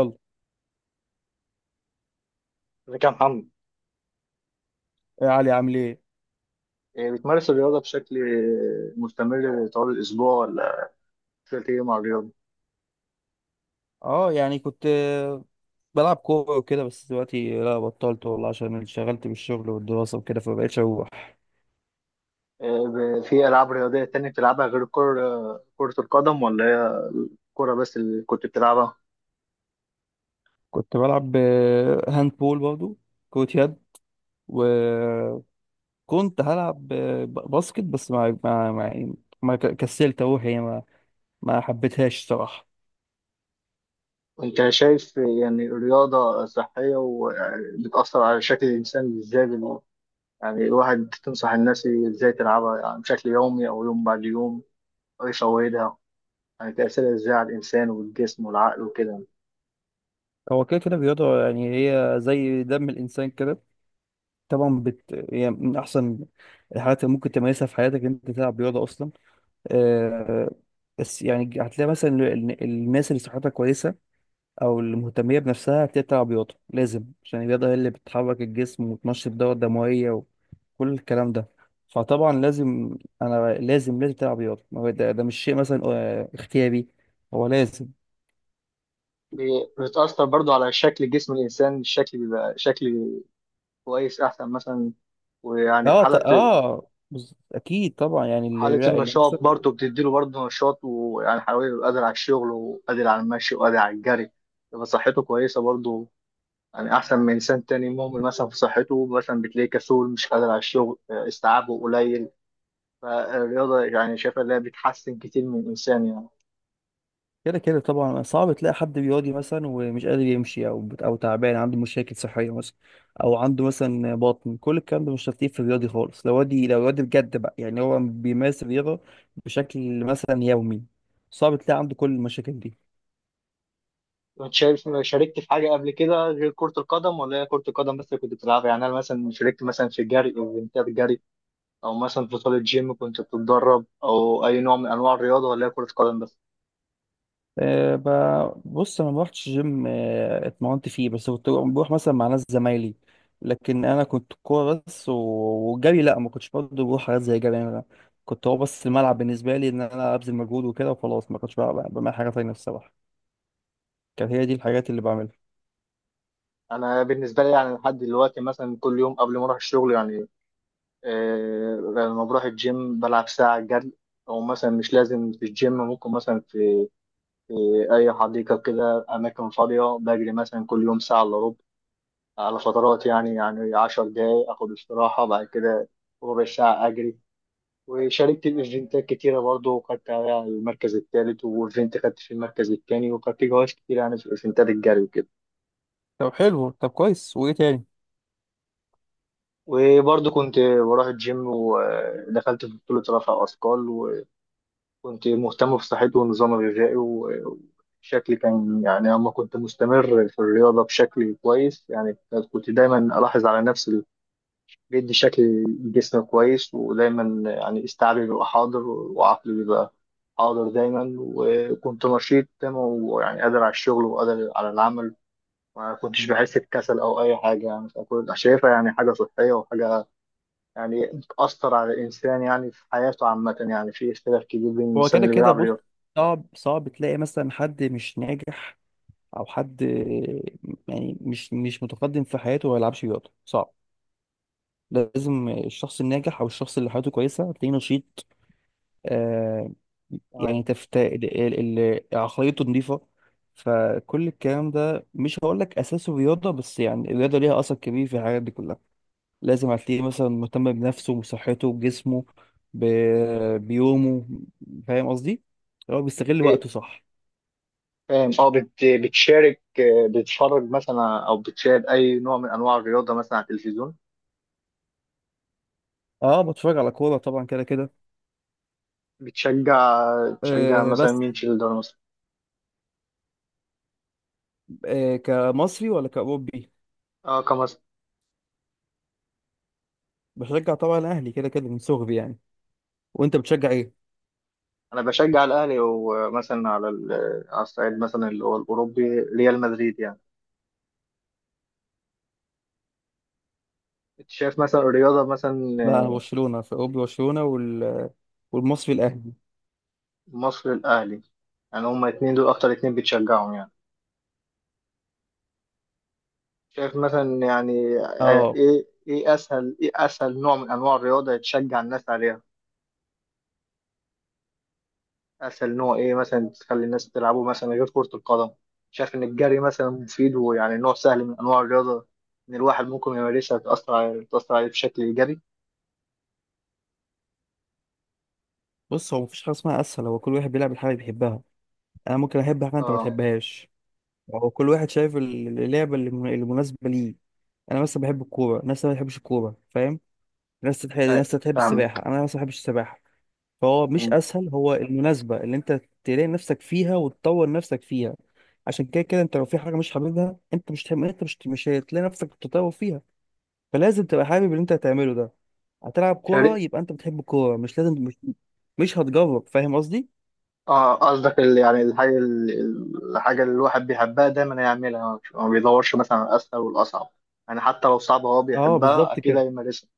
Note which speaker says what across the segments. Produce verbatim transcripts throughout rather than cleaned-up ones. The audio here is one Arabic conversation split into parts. Speaker 1: يلا
Speaker 2: ازيك يا محمد؟
Speaker 1: يا علي، عامل ايه؟
Speaker 2: إيه، بتمارس الرياضة بشكل مستمر طوال الأسبوع ولا بشكل إيه مع الرياضة؟
Speaker 1: اه يعني كنت آه، بلعب كوره وكده، بس دلوقتي لا، بطلت والله عشان انشغلت بالشغل والدراسه وكده، فمبقتش اروح.
Speaker 2: إيه، ب- في ألعاب رياضية تانية بتلعبها غير كرة كرة القدم ولا هي الكرة بس اللي كنت بتلعبها؟
Speaker 1: كنت بلعب آه، هاند بول برضو، كرة يد. وكنت هلعب آه، ب- باسكت، بس ما ما ما, ما ك- كسلت اروح يعني، ما ما حبيتهاش صراحه.
Speaker 2: وأنت شايف يعني الرياضة صحية وبتأثر على شكل الإنسان إزاي؟ بال- يعني الواحد تنصح الناس إزاي تلعبها يعني بشكل يومي أو يوم بعد يوم أو يفوتها، يعني تأثيرها إزاي على الإنسان والجسم والعقل وكده؟
Speaker 1: هو كده كده رياضه، يعني هي زي دم الانسان كده. طبعا بت... يعني من احسن الحاجات اللي ممكن تمارسها في حياتك إن انت تلعب رياضه اصلا. آه، بس يعني هتلاقي مثلا ال- ال- الناس اللي صحتها كويسة أو اللي مهتمية بنفسها، هتلاقي بتلعب رياضة لازم، عشان الرياضة هي اللي بتحرك الجسم وتنشط الدورة الدموية وكل الكلام ده. فطبعا لازم، أنا لازم لازم تلعب رياضة. ما هو ده, ده مش شيء مثلا آه، اختياري، هو لازم.
Speaker 2: بي- بتأثر برضو على شكل جسم الإنسان، الشكل بيبقى شكل كويس أحسن مثلا، ويعني في
Speaker 1: اه ط-
Speaker 2: حالة
Speaker 1: اه بز- أكيد طبعا، يعني
Speaker 2: حالة
Speaker 1: اللي, اللي
Speaker 2: النشاط
Speaker 1: مثلا
Speaker 2: برضو بتديله برضو نشاط، ويعني حيوي يبقى قادر على الشغل وقادر على المشي وقادر على الجري، يبقى صحته كويسة برضو، يعني أحسن من إنسان تاني مهمل مثلا في صحته، مثلا بتلاقيه كسول مش قادر على الشغل، آه، استيعابه قليل. فالرياضة يعني شايفة إنها بتحسن كتير من الإنسان يعني.
Speaker 1: كده كده طبعا، صعب تلاقي حد بيواجه مثلا ومش قادر يمشي، او بت- او تعبان عنده مشاكل صحيه مثلا، او عنده مثلا بطن، كل الكلام ده مش هتلاقيه في الرياضي خالص. لو وادي، لو وادي بجد بقى يعني، هو بيمارس الرياضه بشكل مثلا يومي، صعب تلاقي عنده كل المشاكل دي.
Speaker 2: كنت شايف، شاركت في حاجة قبل كده غير كرة القدم ولا هي كرة القدم بس اللي كنت بتلعبها؟ يعني أنا مثلا شاركت مثلا في الجري أو الاولمبياد الجري، أو مثلا في بطولة جيم كنت بتتدرب، أو أي نوع من أنواع الرياضة ولا هي كرة قدم بس؟
Speaker 1: أه ب- بص انا ما روحتش جيم، أه، اتمرنت فيه بس، كنت بروح مثلا مع ناس زمايلي. لكن انا كنت كوره بس و- والجري لا، ما كنتش برضه بروح حاجات زي جري. انا كنت هو بس الملعب بالنسبه لي، ان انا ابذل مجهود وكده وخلاص. ما كنتش بقى- بعمل حاجه تانية الصراحه، كانت هي دي الحاجات اللي بعملها.
Speaker 2: أنا بالنسبة لي يعني لحد دلوقتي مثلا كل يوم قبل ما أروح الشغل يعني، آه لما بروح الجيم بلعب ساعة جري، أو مثلا مش لازم في الجيم، ممكن مثلا في, في أي حديقة كده أماكن فاضية بجري مثلا كل يوم ساعة إلا ربع، على فترات يعني، يعني عشر دقايق اخد استراحه، بعد كده ربع ساعه اجري. وشاركت ايفنتات كتيره برضه، وخدت عليها المركز الثالث، وايفنت خدت في المركز الثاني، وخدت جوائز كتير يعني في ايفنتات الجري وكده.
Speaker 1: طب حلو، طب كويس، وايه تاني؟
Speaker 2: وبرضه كنت بروح الجيم ودخلت في بطوله رفع اثقال، وكنت مهتم بصحتي والنظام الغذائي و- وشكلي كان يعني اما كنت مستمر في الرياضه بشكل كويس يعني. كنت دايما الاحظ على نفسي بيدي شكل جسم كويس، ودايما يعني استيعابي بيبقى حاضر وعقلي بيبقى حاضر دايما، وكنت نشيط دايما، ويعني قادر على الشغل وقادر على العمل، ما كنتش بحس بكسل أو أي حاجة يعني. فكنت شايفها يعني حاجة صحية وحاجة يعني بتأثر على الإنسان يعني في حياته عامة. يعني في اختلاف كبير بين
Speaker 1: هو
Speaker 2: الإنسان
Speaker 1: كده
Speaker 2: اللي
Speaker 1: كده
Speaker 2: بيلعب
Speaker 1: بص،
Speaker 2: رياضة.
Speaker 1: صعب صعب تلاقي مثلا حد مش ناجح او حد أه، يعني مش مش متقدم في حياته وما يلعبش رياضه، صعب. لازم الشخص الناجح او الشخص اللي حياته كويسه تلاقيه نشيط. آه. يعني
Speaker 2: تمام.
Speaker 1: تفت... ال- ال- ال- عقليته نظيفه. فكل الكلام ده مش هقول لك اساسه رياضه بس، يعني الرياضه ليها اثر كبير في الحاجات دي كلها. لازم هتلاقيه مثلا مهتم بنفسه وصحته بجسمه، ب... بيومه. فاهم قصدي؟ هو بيستغل
Speaker 2: إيه،
Speaker 1: وقته صح.
Speaker 2: فاهم. اه بت- بتشارك، آه، بتتفرج مثلا أو بتشاهد أي نوع من أنواع الرياضة مثلا على التلفزيون؟
Speaker 1: اه بتفرج على كوره طبعا كده كده.
Speaker 2: بتشجع، تشجع
Speaker 1: آه
Speaker 2: مثلا
Speaker 1: بس،
Speaker 2: مين في الدوري مثلا؟
Speaker 1: آه كمصري ولا كاوروبي؟
Speaker 2: اه كمصر،
Speaker 1: بشجع طبعا الاهلي كده كده من صغري يعني. وانت بتشجع ايه؟
Speaker 2: انا بشجع الاهلي، ومثلا على ال- على الصعيد مثلا اللي هو الاوروبي ريال مدريد يعني. انت شايف مثلا الرياضه مثلا
Speaker 1: لا انا
Speaker 2: آه،.
Speaker 1: برشلونه، فاوب برشلونه وال... والمصري الاهلي.
Speaker 2: مصر الاهلي، يعني هما اتنين، دول اكتر اتنين بتشجعهم يعني. شايف مثلا يعني آه،
Speaker 1: اه
Speaker 2: ايه ايه اسهل ايه اسهل نوع من انواع الرياضه يتشجع الناس عليها؟ اسهل نوع ايه مثلا تخلي الناس تلعبه مثلا غير كرة القدم؟ شايف ان الجري مثلا مفيد، ويعني نوع سهل من انواع الرياضة، ان الواحد ممكن يمارسها، تأثر عليه، تأثر عليه بشكل ايجابي؟
Speaker 1: بص، هو مفيش حاجه اسمها اسهل. هو كل واحد بيلعب الحاجه اللي بيحبها. انا ممكن احب حاجه انت ما
Speaker 2: اه.
Speaker 1: تحبهاش. هو كل واحد شايف ال- اللعبه اللي من- اللي مناسبه ليه. انا مثلا بحب الكوره، ناس ما بتحبش الكوره، فاهم؟ ناس تحب
Speaker 2: آه،
Speaker 1: ناس تحب
Speaker 2: فاهمك.
Speaker 1: السباحه، انا مثلا ما بحبش السباحه. فهو مش
Speaker 2: م.
Speaker 1: اسهل، هو المناسبه اللي انت تلاقي نفسك فيها وتطور نفسك فيها. عشان كده كده انت لو في حاجه مش حاببها، انت مش هتحب- انت مش مش هتلاقي نفسك بتتطور فيها. فلازم تبقى حابب اللي انت هتعمله ده. هتلعب كورة
Speaker 2: شارك.
Speaker 1: يبقى انت بتحب الكورة، مش لازم، مش مش هتجرب. فاهم قصدي؟
Speaker 2: اه قصدك ال- يعني الحاجة ال- ال- الحاجة اللي الواحد بيحبها دايما هيعملها، مش- ما بيدورش مثلا على الاسهل والاصعب، يعني حتى لو صعبة هو
Speaker 1: اه
Speaker 2: بيحبها
Speaker 1: بالظبط
Speaker 2: اكيد
Speaker 1: كده.
Speaker 2: هيمارسها.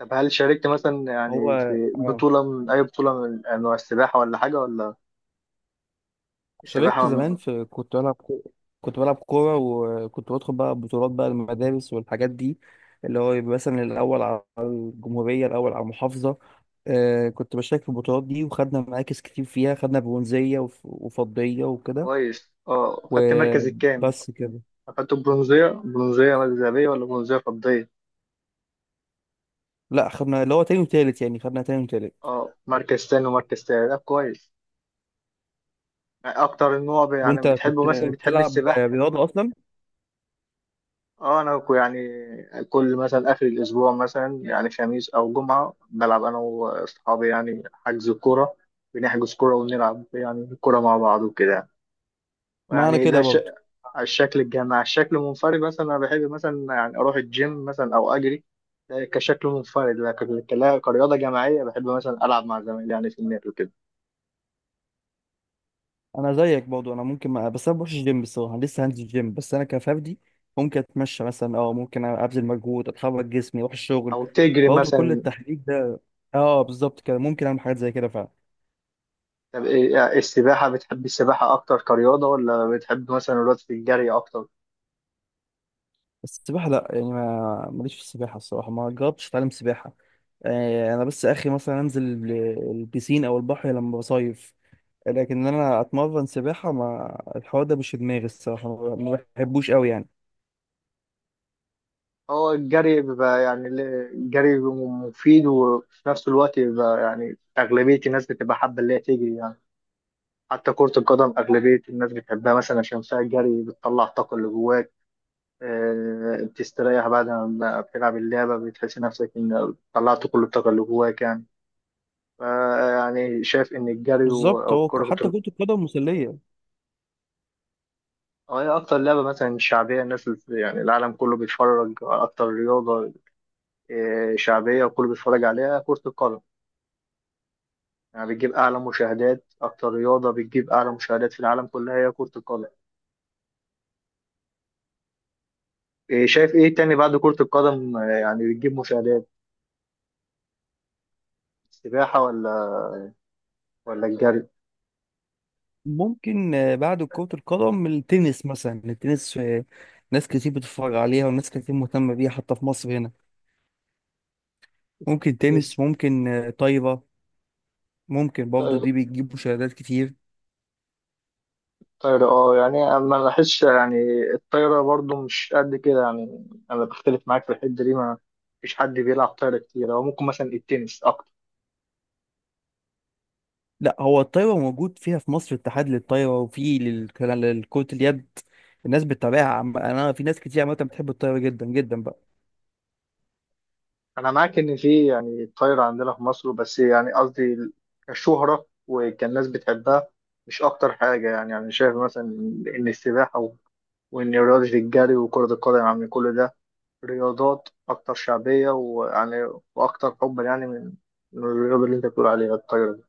Speaker 2: طب هل شاركت مثلا
Speaker 1: هو
Speaker 2: يعني في
Speaker 1: اه،
Speaker 2: بطولة، من أي بطولة من أنواع السباحة ولا حاجة ولا؟
Speaker 1: شاركت
Speaker 2: السباحة.
Speaker 1: زمان، في كنت بلعب كو- كنت بلعب كورة، وكنت بدخل بقى بطولات بقى المدارس والحاجات دي، اللي هو يبقى مثلا الأول على الجمهورية، الأول على المحافظة. آه كنت بشارك في البطولات دي، وخدنا مراكز كتير فيها، خدنا برونزية وف- وفضية وكده.
Speaker 2: كويس. اه خدت مركز الكام؟
Speaker 1: وبس كده.
Speaker 2: خدت برونزية؟ برونزية ذهبية ولا برونزية فضية؟
Speaker 1: لا خدنا اللي هو تاني وتالت، يعني خدنا تاني وتالت.
Speaker 2: اه مركز تاني ومركز تالت، طب كويس. يعني اكتر النوع ب- يعني
Speaker 1: وانت
Speaker 2: بتحبه
Speaker 1: كنت
Speaker 2: مثلا بتحب
Speaker 1: بتلعب
Speaker 2: السباحة؟
Speaker 1: رياضة أصلا؟
Speaker 2: اه انا كو- يعني كل مثلا اخر الاسبوع مثلا يعني خميس او جمعة بلعب انا واصحابي، يعني حجز كورة، بنحجز كورة ونلعب يعني كورة مع بعض وكده.
Speaker 1: ما انا
Speaker 2: يعني
Speaker 1: كده
Speaker 2: ده ش...
Speaker 1: برضه.
Speaker 2: على الشكل الجماعي. على الشكل المنفرد مثلا انا بحب مثلا يعني اروح الجيم مثلا او اجري، ده كشكل منفرد، لكن ك- كرياضه جماعيه بحب مثلا العب مع زمايلي يعني في النادي وكده.
Speaker 1: انا زيك برضه، انا ممكن ما... بس انا بروحش الجيم الصراحه، لسه هنزل الجيم، بس انا كفردي ممكن اتمشى مثلا، اه ممكن ابذل مجهود، اتحرك جسمي، اروح الشغل
Speaker 2: او تجري
Speaker 1: برضه، كل
Speaker 2: مثلا.
Speaker 1: التحريك ده. اه بالظبط كده، ممكن اعمل حاجات زي كده فعلا.
Speaker 2: طب إيه- يعني السباحه، بتحب السباحه اكتر كرياضه ولا بتحب مثلا الرياضه في الجري اكتر؟
Speaker 1: بس السباحه لا، يعني ما ماليش في السباحه الصراحه، ما جربتش اتعلم سباحه. آه انا بس اخي مثلا انزل ال- البيسين او البحر لما بصيف. لكن إن انا اتمرن سباحه، ما الحوار ده مش في دماغي الصراحه، ما ما بحبوش قوي يعني.
Speaker 2: هو الجري بيبقى يعني ل- الجري بيبقى مفيد، وفي نفس الوقت بيبقى يعني أغلبية الناس بتبقى حابة اللي هي تجري يعني. حتى كرة القدم أغلبية الناس بتحبها مثلا عشان فيها الجري، بتطلع الطاقة اللي جواها، آه، بتستريح بعد ما بتلعب اللعبة، بتحس نفسك إن طلعت كل الطاقة اللي جواك يعني. فا يعني شايف إن الجري و-
Speaker 1: بالظبط.
Speaker 2: أو
Speaker 1: هو ك-
Speaker 2: كرة
Speaker 1: حتى
Speaker 2: ال-
Speaker 1: كرة القدم مسلية.
Speaker 2: أو هي أكتر لعبة مثلا شعبية، الناس الف- يعني العالم كله بيتفرج على أكتر رياضة، آه، شعبية وكله بيتفرج عليها كرة القدم، يعني بتجيب أعلى مشاهدات، أكتر رياضة بتجيب أعلى مشاهدات في العالم كلها هي كرة القدم. آه، شايف إيه تاني بعد كرة القدم آه، يعني بتجيب مشاهدات؟ السباحة ولا ولا الجري؟
Speaker 1: ممكن آه، بعد كرة القدم التنس مثلا، التنس آه، ناس كتير بتتفرج عليها وناس كتير مهتمة بيها، حتى في مصر هنا. ممكن تنس،
Speaker 2: تنس.
Speaker 1: ممكن آه، طايرة، ممكن برضه دي بتجيب مشاهدات كتير.
Speaker 2: الطايرة اه يعني انا ما لاحظش يعني الطايرة برضو مش قد كده يعني. انا بختلف معاك في الحتة دي، ما فيش حد بيلعب طايرة كتير، هو ممكن مثلا التنس اكتر.
Speaker 1: لا هو الطايرة موجود فيها في مصر اتحاد للطايرة، وفي لل- لكرة اليد. الناس بتتابعها، عم- انا في ناس كتير عامة بتحب الطايرة جدا جدا بقى.
Speaker 2: انا معاك ان في يعني طايرة عندنا في مصر، بس يعني قصدي كشهرة وكان الناس بتحبها مش اكتر حاجة. يعني انا شايف مثلا ان السباحة و- وان رياضة الجري وكرة القدم يعني كل ده رياضات اكتر شعبية، ويعني واكتر حبا يعني من من الرياضة اللي انت بتقول عليها الطايرة.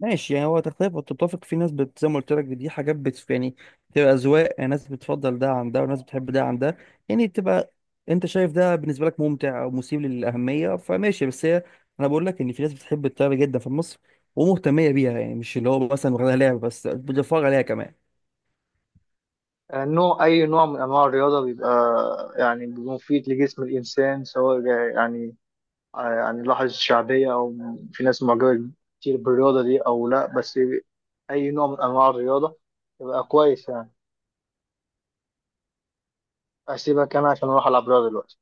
Speaker 1: ماشي، يعني هو تختلف وتتفق. في ناس بت... زي ما قلت لك دي حاجات بت... يعني بتبقى أذواق، يعني ناس بتفضل ده عن ده وناس بتحب ده عن ده. يعني بتبقى، أنت شايف ده بالنسبة لك ممتع أو مثير للأهمية فماشي، بس هي، أنا بقول لك إن في ناس بتحب الطيارة جدا في مصر ومهتمية بيها، يعني مش اللي هو مثلا واخدها لعب بس، بتتفرج عليها كمان.
Speaker 2: آه، نوع أي نوع من أنواع الرياضة بيبقى آه، يعني بيبقى مفيد لجسم الإنسان، سواء جا- يعني آه، يعني لاحظ الشعبية أو م- في ناس معجبة كتير بالرياضة دي أو لأ، بس أي نوع من أنواع الرياضة بيبقى كويس يعني. أسيبك أنا عشان أروح ألعب رياضة دلوقتي.